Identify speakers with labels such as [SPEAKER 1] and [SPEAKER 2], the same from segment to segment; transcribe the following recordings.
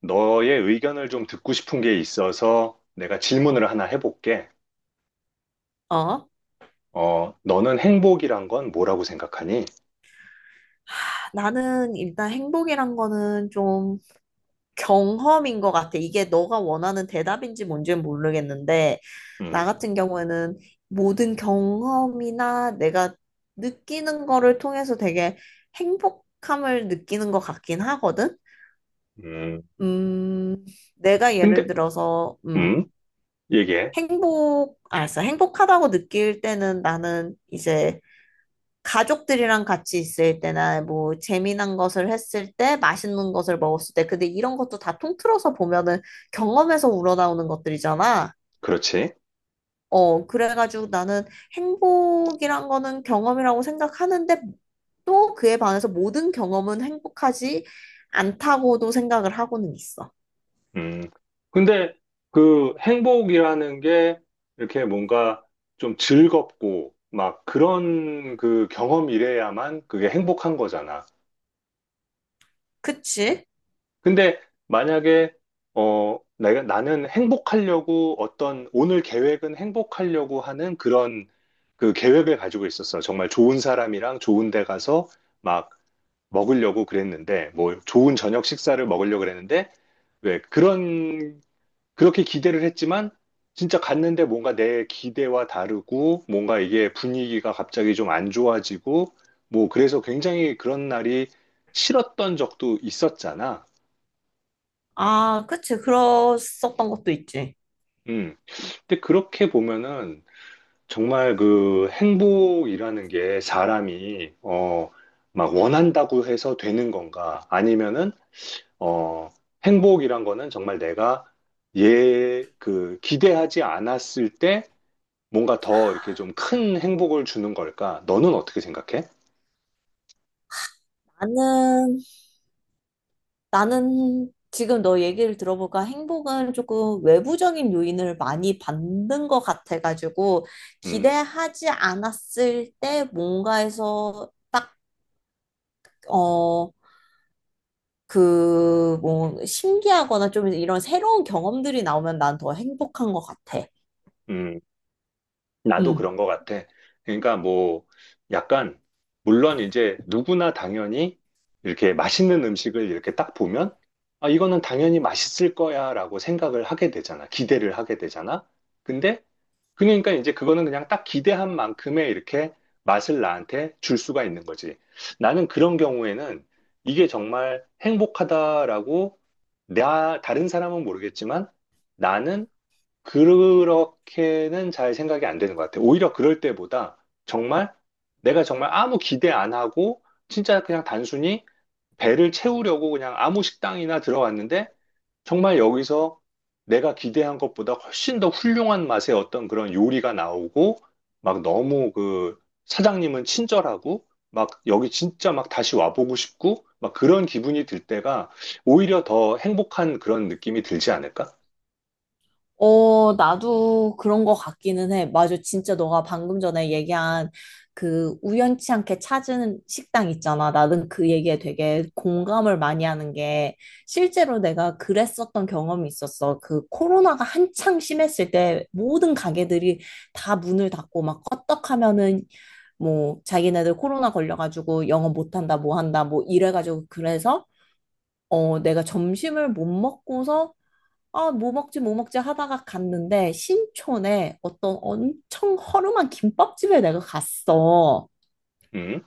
[SPEAKER 1] 너의 의견을 좀 듣고 싶은 게 있어서 내가 질문을 하나 해볼게.
[SPEAKER 2] 어?
[SPEAKER 1] 너는 행복이란 건 뭐라고 생각하니?
[SPEAKER 2] 하, 나는 일단 행복이란 거는 좀 경험인 것 같아. 이게 너가 원하는 대답인지 뭔지는 모르겠는데, 나
[SPEAKER 1] 음,
[SPEAKER 2] 같은 경우에는 모든 경험이나 내가 느끼는 거를 통해서 되게 행복함을 느끼는 것 같긴 하거든?
[SPEAKER 1] 음,
[SPEAKER 2] 음, 내가 예를
[SPEAKER 1] 근데,
[SPEAKER 2] 들어서,
[SPEAKER 1] 음, 얘기해.
[SPEAKER 2] 아, 알았어. 행복하다고 느낄 때는 나는 이제 가족들이랑 같이 있을 때나 뭐 재미난 것을 했을 때, 맛있는 것을 먹었을 때, 근데 이런 것도 다 통틀어서 보면은 경험에서 우러나오는 것들이잖아.
[SPEAKER 1] 그렇지.
[SPEAKER 2] 그래가지고 나는 행복이란 거는 경험이라고 생각하는데 또 그에 반해서 모든 경험은 행복하지 않다고도 생각을 하고는 있어.
[SPEAKER 1] 음, 근데 그 행복이라는 게 이렇게 뭔가 좀 즐겁고 막 그런 그 경험이래야만 그게 행복한 거잖아.
[SPEAKER 2] 그치?
[SPEAKER 1] 근데 만약에 내가 나는 행복하려고 어떤 오늘 계획은 행복하려고 하는 그런 그 계획을 가지고 있었어. 정말 좋은 사람이랑 좋은 데 가서 막 먹으려고 그랬는데 뭐 좋은 저녁 식사를 먹으려고 그랬는데 왜 그런 그렇게 기대를 했지만 진짜 갔는데 뭔가 내 기대와 다르고 뭔가 이게 분위기가 갑자기 좀 안 좋아지고 뭐 그래서 굉장히 그런 날이 싫었던 적도 있었잖아.
[SPEAKER 2] 아, 그치. 그랬었던 것도 있지.
[SPEAKER 1] 음. 근데 그렇게 보면은 정말 그 행복이라는 게 사람이 막 원한다고 해서 되는 건가? 아니면은 어 행복이란 거는 정말 내가 얘 그 기대하지 않았을 때 뭔가 더 이렇게 좀 큰 행복을 주는 걸까? 너는 어떻게 생각해?
[SPEAKER 2] 나는 나는 지금 너 얘기를 들어보니까 행복은 조금 외부적인 요인을 많이 받는 것 같아가지고
[SPEAKER 1] 음.
[SPEAKER 2] 기대하지 않았을 때 뭔가에서 어, 뭐, 신기하거나 좀 이런 새로운 경험들이 나오면 난 더 행복한 것 같아.
[SPEAKER 1] 음. 나도
[SPEAKER 2] 음.
[SPEAKER 1] 그런 것 같아. 그러니까 뭐 약간 물론 이제 누구나 당연히 이렇게 맛있는 음식을 이렇게 딱 보면 아 이거는 당연히 맛있을 거야라고 생각을 하게 되잖아. 기대를 하게 되잖아. 근데 그러니까 이제 그거는 그냥 딱 기대한 만큼의 이렇게 맛을 나한테 줄 수가 있는 거지. 나는 그런 경우에는 이게 정말 행복하다라고 나 다른 사람은 모르겠지만 나는 그렇게는 잘 생각이 안 되는 것 같아요. 오히려 그럴 때보다 정말 내가 정말 아무 기대 안 하고 진짜 그냥 단순히 배를 채우려고 그냥 아무 식당이나 들어왔는데 정말 여기서 내가 기대한 것보다 훨씬 더 훌륭한 맛의 어떤 그런 요리가 나오고 막 너무 그 사장님은 친절하고 막 여기 진짜 막 다시 와보고 싶고 막 그런 기분이 들 때가 오히려 더 행복한 그런 느낌이 들지 않을까?
[SPEAKER 2] 어, 나도 그런 거 같기는 해. 맞아. 진짜 너가 방금 전에 얘기한 그 우연치 않게 찾은 식당 있잖아. 나는 그 얘기에 되게 공감을 많이 하는 게 실제로 내가 그랬었던 경험이 있었어. 그 코로나가 한창 심했을 때 모든 가게들이 다 문을 닫고 막 껐떡하면은 뭐 자기네들 코로나 걸려가지고 영업 못한다, 뭐 한다, 뭐 이래가지고 그래서 내가 점심을 못 먹고서 아, 뭐 먹지, 뭐 먹지 하다가 갔는데, 신촌에 어떤 엄청 허름한 김밥집에 내가 갔어.
[SPEAKER 1] 음.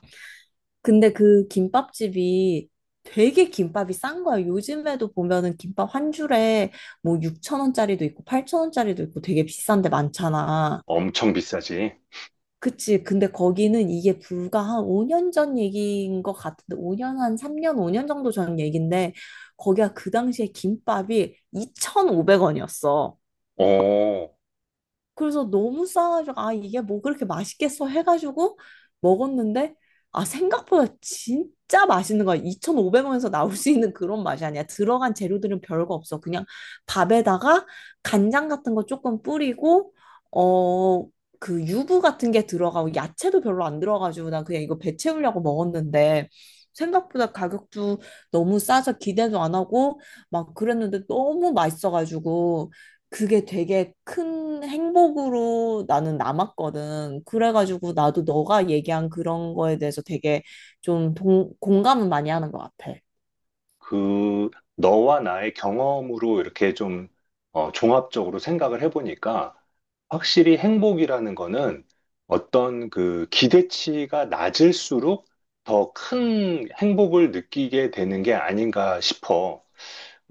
[SPEAKER 2] 근데 그 김밥집이 되게 김밥이 싼 거야. 요즘에도 보면은 김밥 한 줄에 뭐 6천원짜리도 있고 8천원짜리도 있고 되게 비싼데 많잖아.
[SPEAKER 1] 엄청 비싸지.
[SPEAKER 2] 그치. 근데 거기는 이게 불과 한 5년 전 얘기인 것 같은데, 5년, 한 3년, 5년 정도 전 얘기인데, 거기가 그 당시에 김밥이 2,500원이었어.
[SPEAKER 1] 어,
[SPEAKER 2] 그래서 너무 싸가지고 아 이게 뭐 그렇게 맛있겠어 해가지고 먹었는데 아 생각보다 진짜 맛있는 거야. 2,500원에서 나올 수 있는 그런 맛이 아니야. 들어간 재료들은 별거 없어. 그냥 밥에다가 간장 같은 거 조금 뿌리고 어 그 유부 같은 게 들어가고 야채도 별로 안 들어가지고 난 그냥 이거 배 채우려고 먹었는데 생각보다 가격도 너무 싸서 기대도 안 하고 막 그랬는데 너무 맛있어가지고 그게 되게 큰 행복으로 나는 남았거든. 그래가지고 나도 너가 얘기한 그런 거에 대해서 되게 좀 공감은 많이 하는 것 같아.
[SPEAKER 1] 그, 너와 나의 경험으로 이렇게 좀, 어, 종합적으로 생각을 해보니까, 확실히 행복이라는 거는 어떤 그 기대치가 낮을수록 더 큰 행복을 느끼게 되는 게 아닌가 싶어.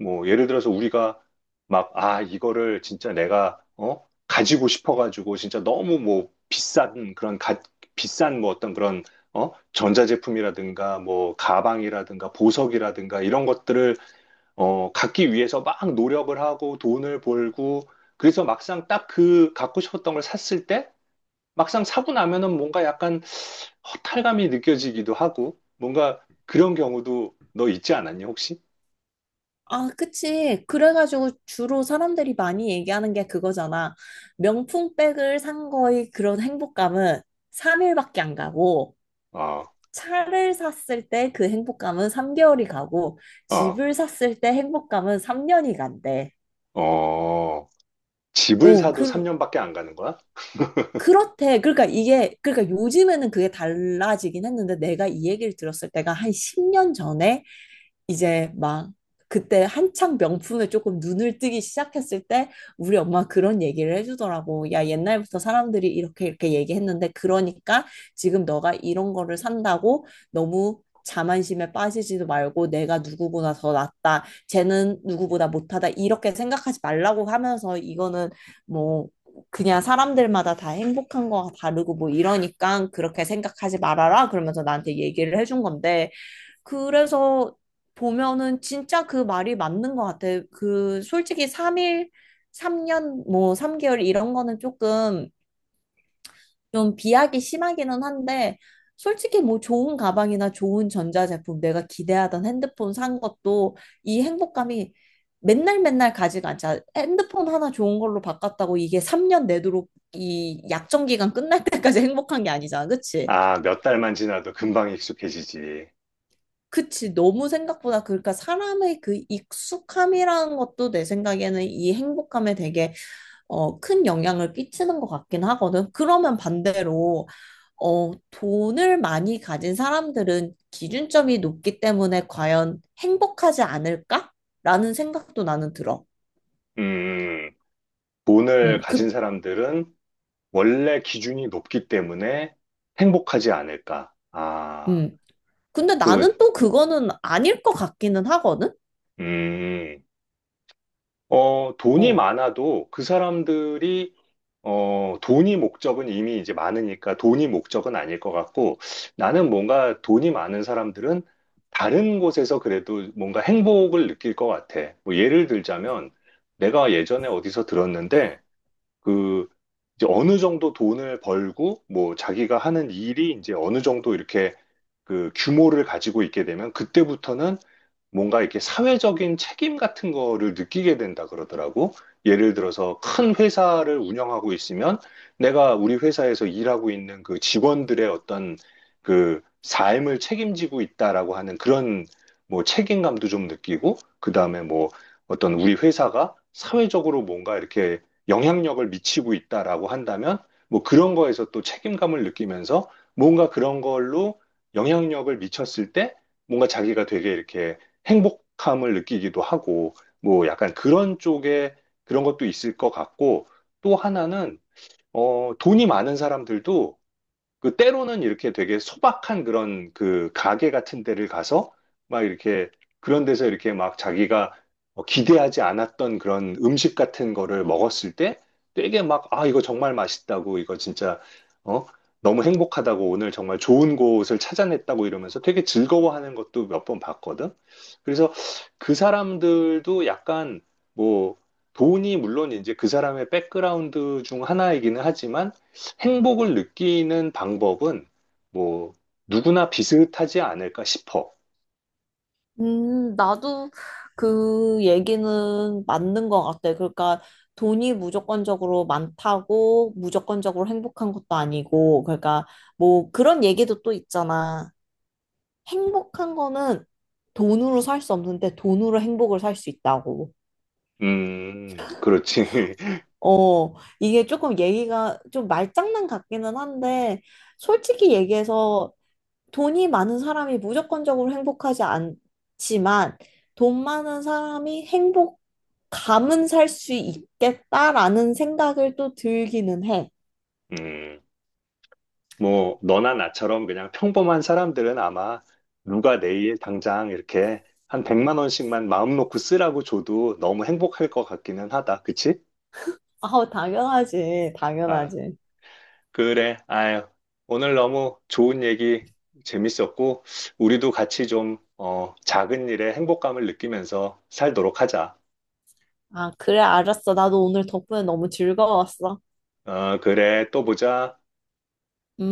[SPEAKER 1] 뭐 예를 들어서 우리가 막, 아, 이거를 진짜 내가 어? 가지고 싶어가지고 진짜 너무 뭐 비싼 뭐 어떤 그런 어? 전자제품이라든가 뭐 가방이라든가 보석이라든가 이런 것들을 어, 갖기 위해서 막 노력을 하고 돈을 벌고 그래서 막상 딱 그 갖고 싶었던 걸 샀을 때 막상 사고 나면은 뭔가 약간 허탈감이 느껴지기도 하고 뭔가 그런 경우도 너 있지 않았니 혹시?
[SPEAKER 2] 아, 그치. 그래가지고 주로 사람들이 많이 얘기하는 게 그거잖아. 명품백을 산 거의 그런 행복감은 3일밖에 안 가고,
[SPEAKER 1] 어,
[SPEAKER 2] 차를 샀을 때 그 행복감은 3개월이 가고,
[SPEAKER 1] 어.
[SPEAKER 2] 집을 샀을 때 행복감은 3년이 간대.
[SPEAKER 1] 어, 집을
[SPEAKER 2] 어,
[SPEAKER 1] 사도 3년밖에 안 가는 거야?
[SPEAKER 2] 그렇대. 그러니까 이게, 그러니까 요즘에는 그게 달라지긴 했는데 내가 이 얘기를 들었을 때가 한 10년 전에 이제 막 그때 한창 명품에 조금 눈을 뜨기 시작했을 때 우리 엄마 그런 얘기를 해주더라고. 야, 옛날부터 사람들이 이렇게 이렇게 얘기했는데 그러니까 지금 너가 이런 거를 산다고 너무 자만심에 빠지지도 말고 내가 누구보다 더 낫다. 쟤는 누구보다 못하다. 이렇게 생각하지 말라고 하면서 이거는 뭐 그냥 사람들마다 다 행복한 거가 다르고 뭐 이러니까 그렇게 생각하지 말아라. 그러면서 나한테 얘기를 해준 건데 그래서 보면은 진짜 그 말이 맞는 것 같아. 그 솔직히 3일, 3년, 뭐 3개월 이런 거는 조금 좀 비약이 심하기는 한데 솔직히 뭐 좋은 가방이나 좋은 전자제품 내가 기대하던 핸드폰 산 것도 이 행복감이 맨날 맨날 가지가 않잖아. 핸드폰 하나 좋은 걸로 바꿨다고 이게 3년 내도록 이 약정 기간 끝날 때까지 행복한 게 아니잖아. 그치?
[SPEAKER 1] 아, 몇 달만 지나도 금방 익숙해지지.
[SPEAKER 2] 그치, 너무 생각보다, 그러니까 사람의 그 익숙함이라는 것도 내 생각에는 이 행복함에 되게 큰 영향을 끼치는 것 같긴 하거든. 그러면 반대로, 돈을 많이 가진 사람들은 기준점이 높기 때문에 과연 행복하지 않을까? 라는 생각도 나는 들어.
[SPEAKER 1] 음, 돈을
[SPEAKER 2] 음,
[SPEAKER 1] 가진
[SPEAKER 2] 그,
[SPEAKER 1] 사람들은 원래 기준이 높기 때문에 행복하지 않을까. 아,
[SPEAKER 2] 음. 근데
[SPEAKER 1] 그,
[SPEAKER 2] 나는 또 그거는 아닐 것 같기는 하거든?
[SPEAKER 1] 음, 어, 돈이
[SPEAKER 2] 어.
[SPEAKER 1] 많아도 그 사람들이 어, 돈이 목적은 이미 이제 많으니까 돈이 목적은 아닐 것 같고 나는 뭔가 돈이 많은 사람들은 다른 곳에서 그래도 뭔가 행복을 느낄 것 같아. 뭐 예를 들자면 내가 예전에 어디서 들었는데 그 이제 어느 정도 돈을 벌고 뭐 자기가 하는 일이 이제 어느 정도 이렇게 그 규모를 가지고 있게 되면 그때부터는 뭔가 이렇게 사회적인 책임 같은 거를 느끼게 된다 그러더라고. 예를 들어서 큰 회사를 운영하고 있으면 내가 우리 회사에서 일하고 있는 그 직원들의 어떤 그 삶을 책임지고 있다라고 하는 그런 뭐 책임감도 좀 느끼고, 그 다음에 뭐 어떤 우리 회사가 사회적으로 뭔가 이렇게 영향력을 미치고 있다라고 한다면 뭐 그런 거에서 또 책임감을 느끼면서 뭔가 그런 걸로 영향력을 미쳤을 때 뭔가 자기가 되게 이렇게 행복함을 느끼기도 하고, 뭐 약간 그런 쪽에 그런 것도 있을 것 같고, 또 하나는, 어, 돈이 많은 사람들도 그 때로는 이렇게 되게 소박한 그런 그 가게 같은 데를 가서 막 이렇게 그런 데서 이렇게 막 자기가 어, 기대하지 않았던 그런 음식 같은 거를 먹었을 때 되게 막, 아, 이거 정말 맛있다고, 이거 진짜, 어, 너무 행복하다고, 오늘 정말 좋은 곳을 찾아냈다고 이러면서 되게 즐거워하는 것도 몇 번 봤거든. 그래서 그 사람들도 약간 뭐 돈이 물론 이제 그 사람의 백그라운드 중 하나이기는 하지만 행복을 느끼는 방법은 뭐 누구나 비슷하지 않을까 싶어.
[SPEAKER 2] 나도 그 얘기는 맞는 것 같아. 그러니까 돈이 무조건적으로 많다고 무조건적으로 행복한 것도 아니고, 그러니까 뭐 그런 얘기도 또 있잖아. 행복한 거는 돈으로 살 수 없는데 돈으로 행복을 살 수 있다고.
[SPEAKER 1] 그렇지.
[SPEAKER 2] 어, 이게 조금 얘기가 좀 말장난 같기는 한데, 솔직히 얘기해서 돈이 많은 사람이 무조건적으로 행복하지 않지만 돈 많은 사람이 행복감은 살 수 있겠다라는 생각을 또 들기는 해.
[SPEAKER 1] 음, 뭐 너나 나처럼 그냥 평범한 사람들은 아마 누가 내일 당장 이렇게 한 100만 원씩만 마음 놓고 쓰라고 줘도 너무 행복할 것 같기는 하다. 그치?
[SPEAKER 2] 아우, 당연하지.
[SPEAKER 1] 아,
[SPEAKER 2] 당연하지.
[SPEAKER 1] 그래. 아유, 오늘 너무 좋은 얘기 재밌었고 우리도 같이 좀 어, 작은 일에 행복감을 느끼면서 살도록 하자.
[SPEAKER 2] 아, 그래, 알았어. 나도 오늘 덕분에 너무 즐거웠어.
[SPEAKER 1] 어, 그래. 또 보자.
[SPEAKER 2] 음.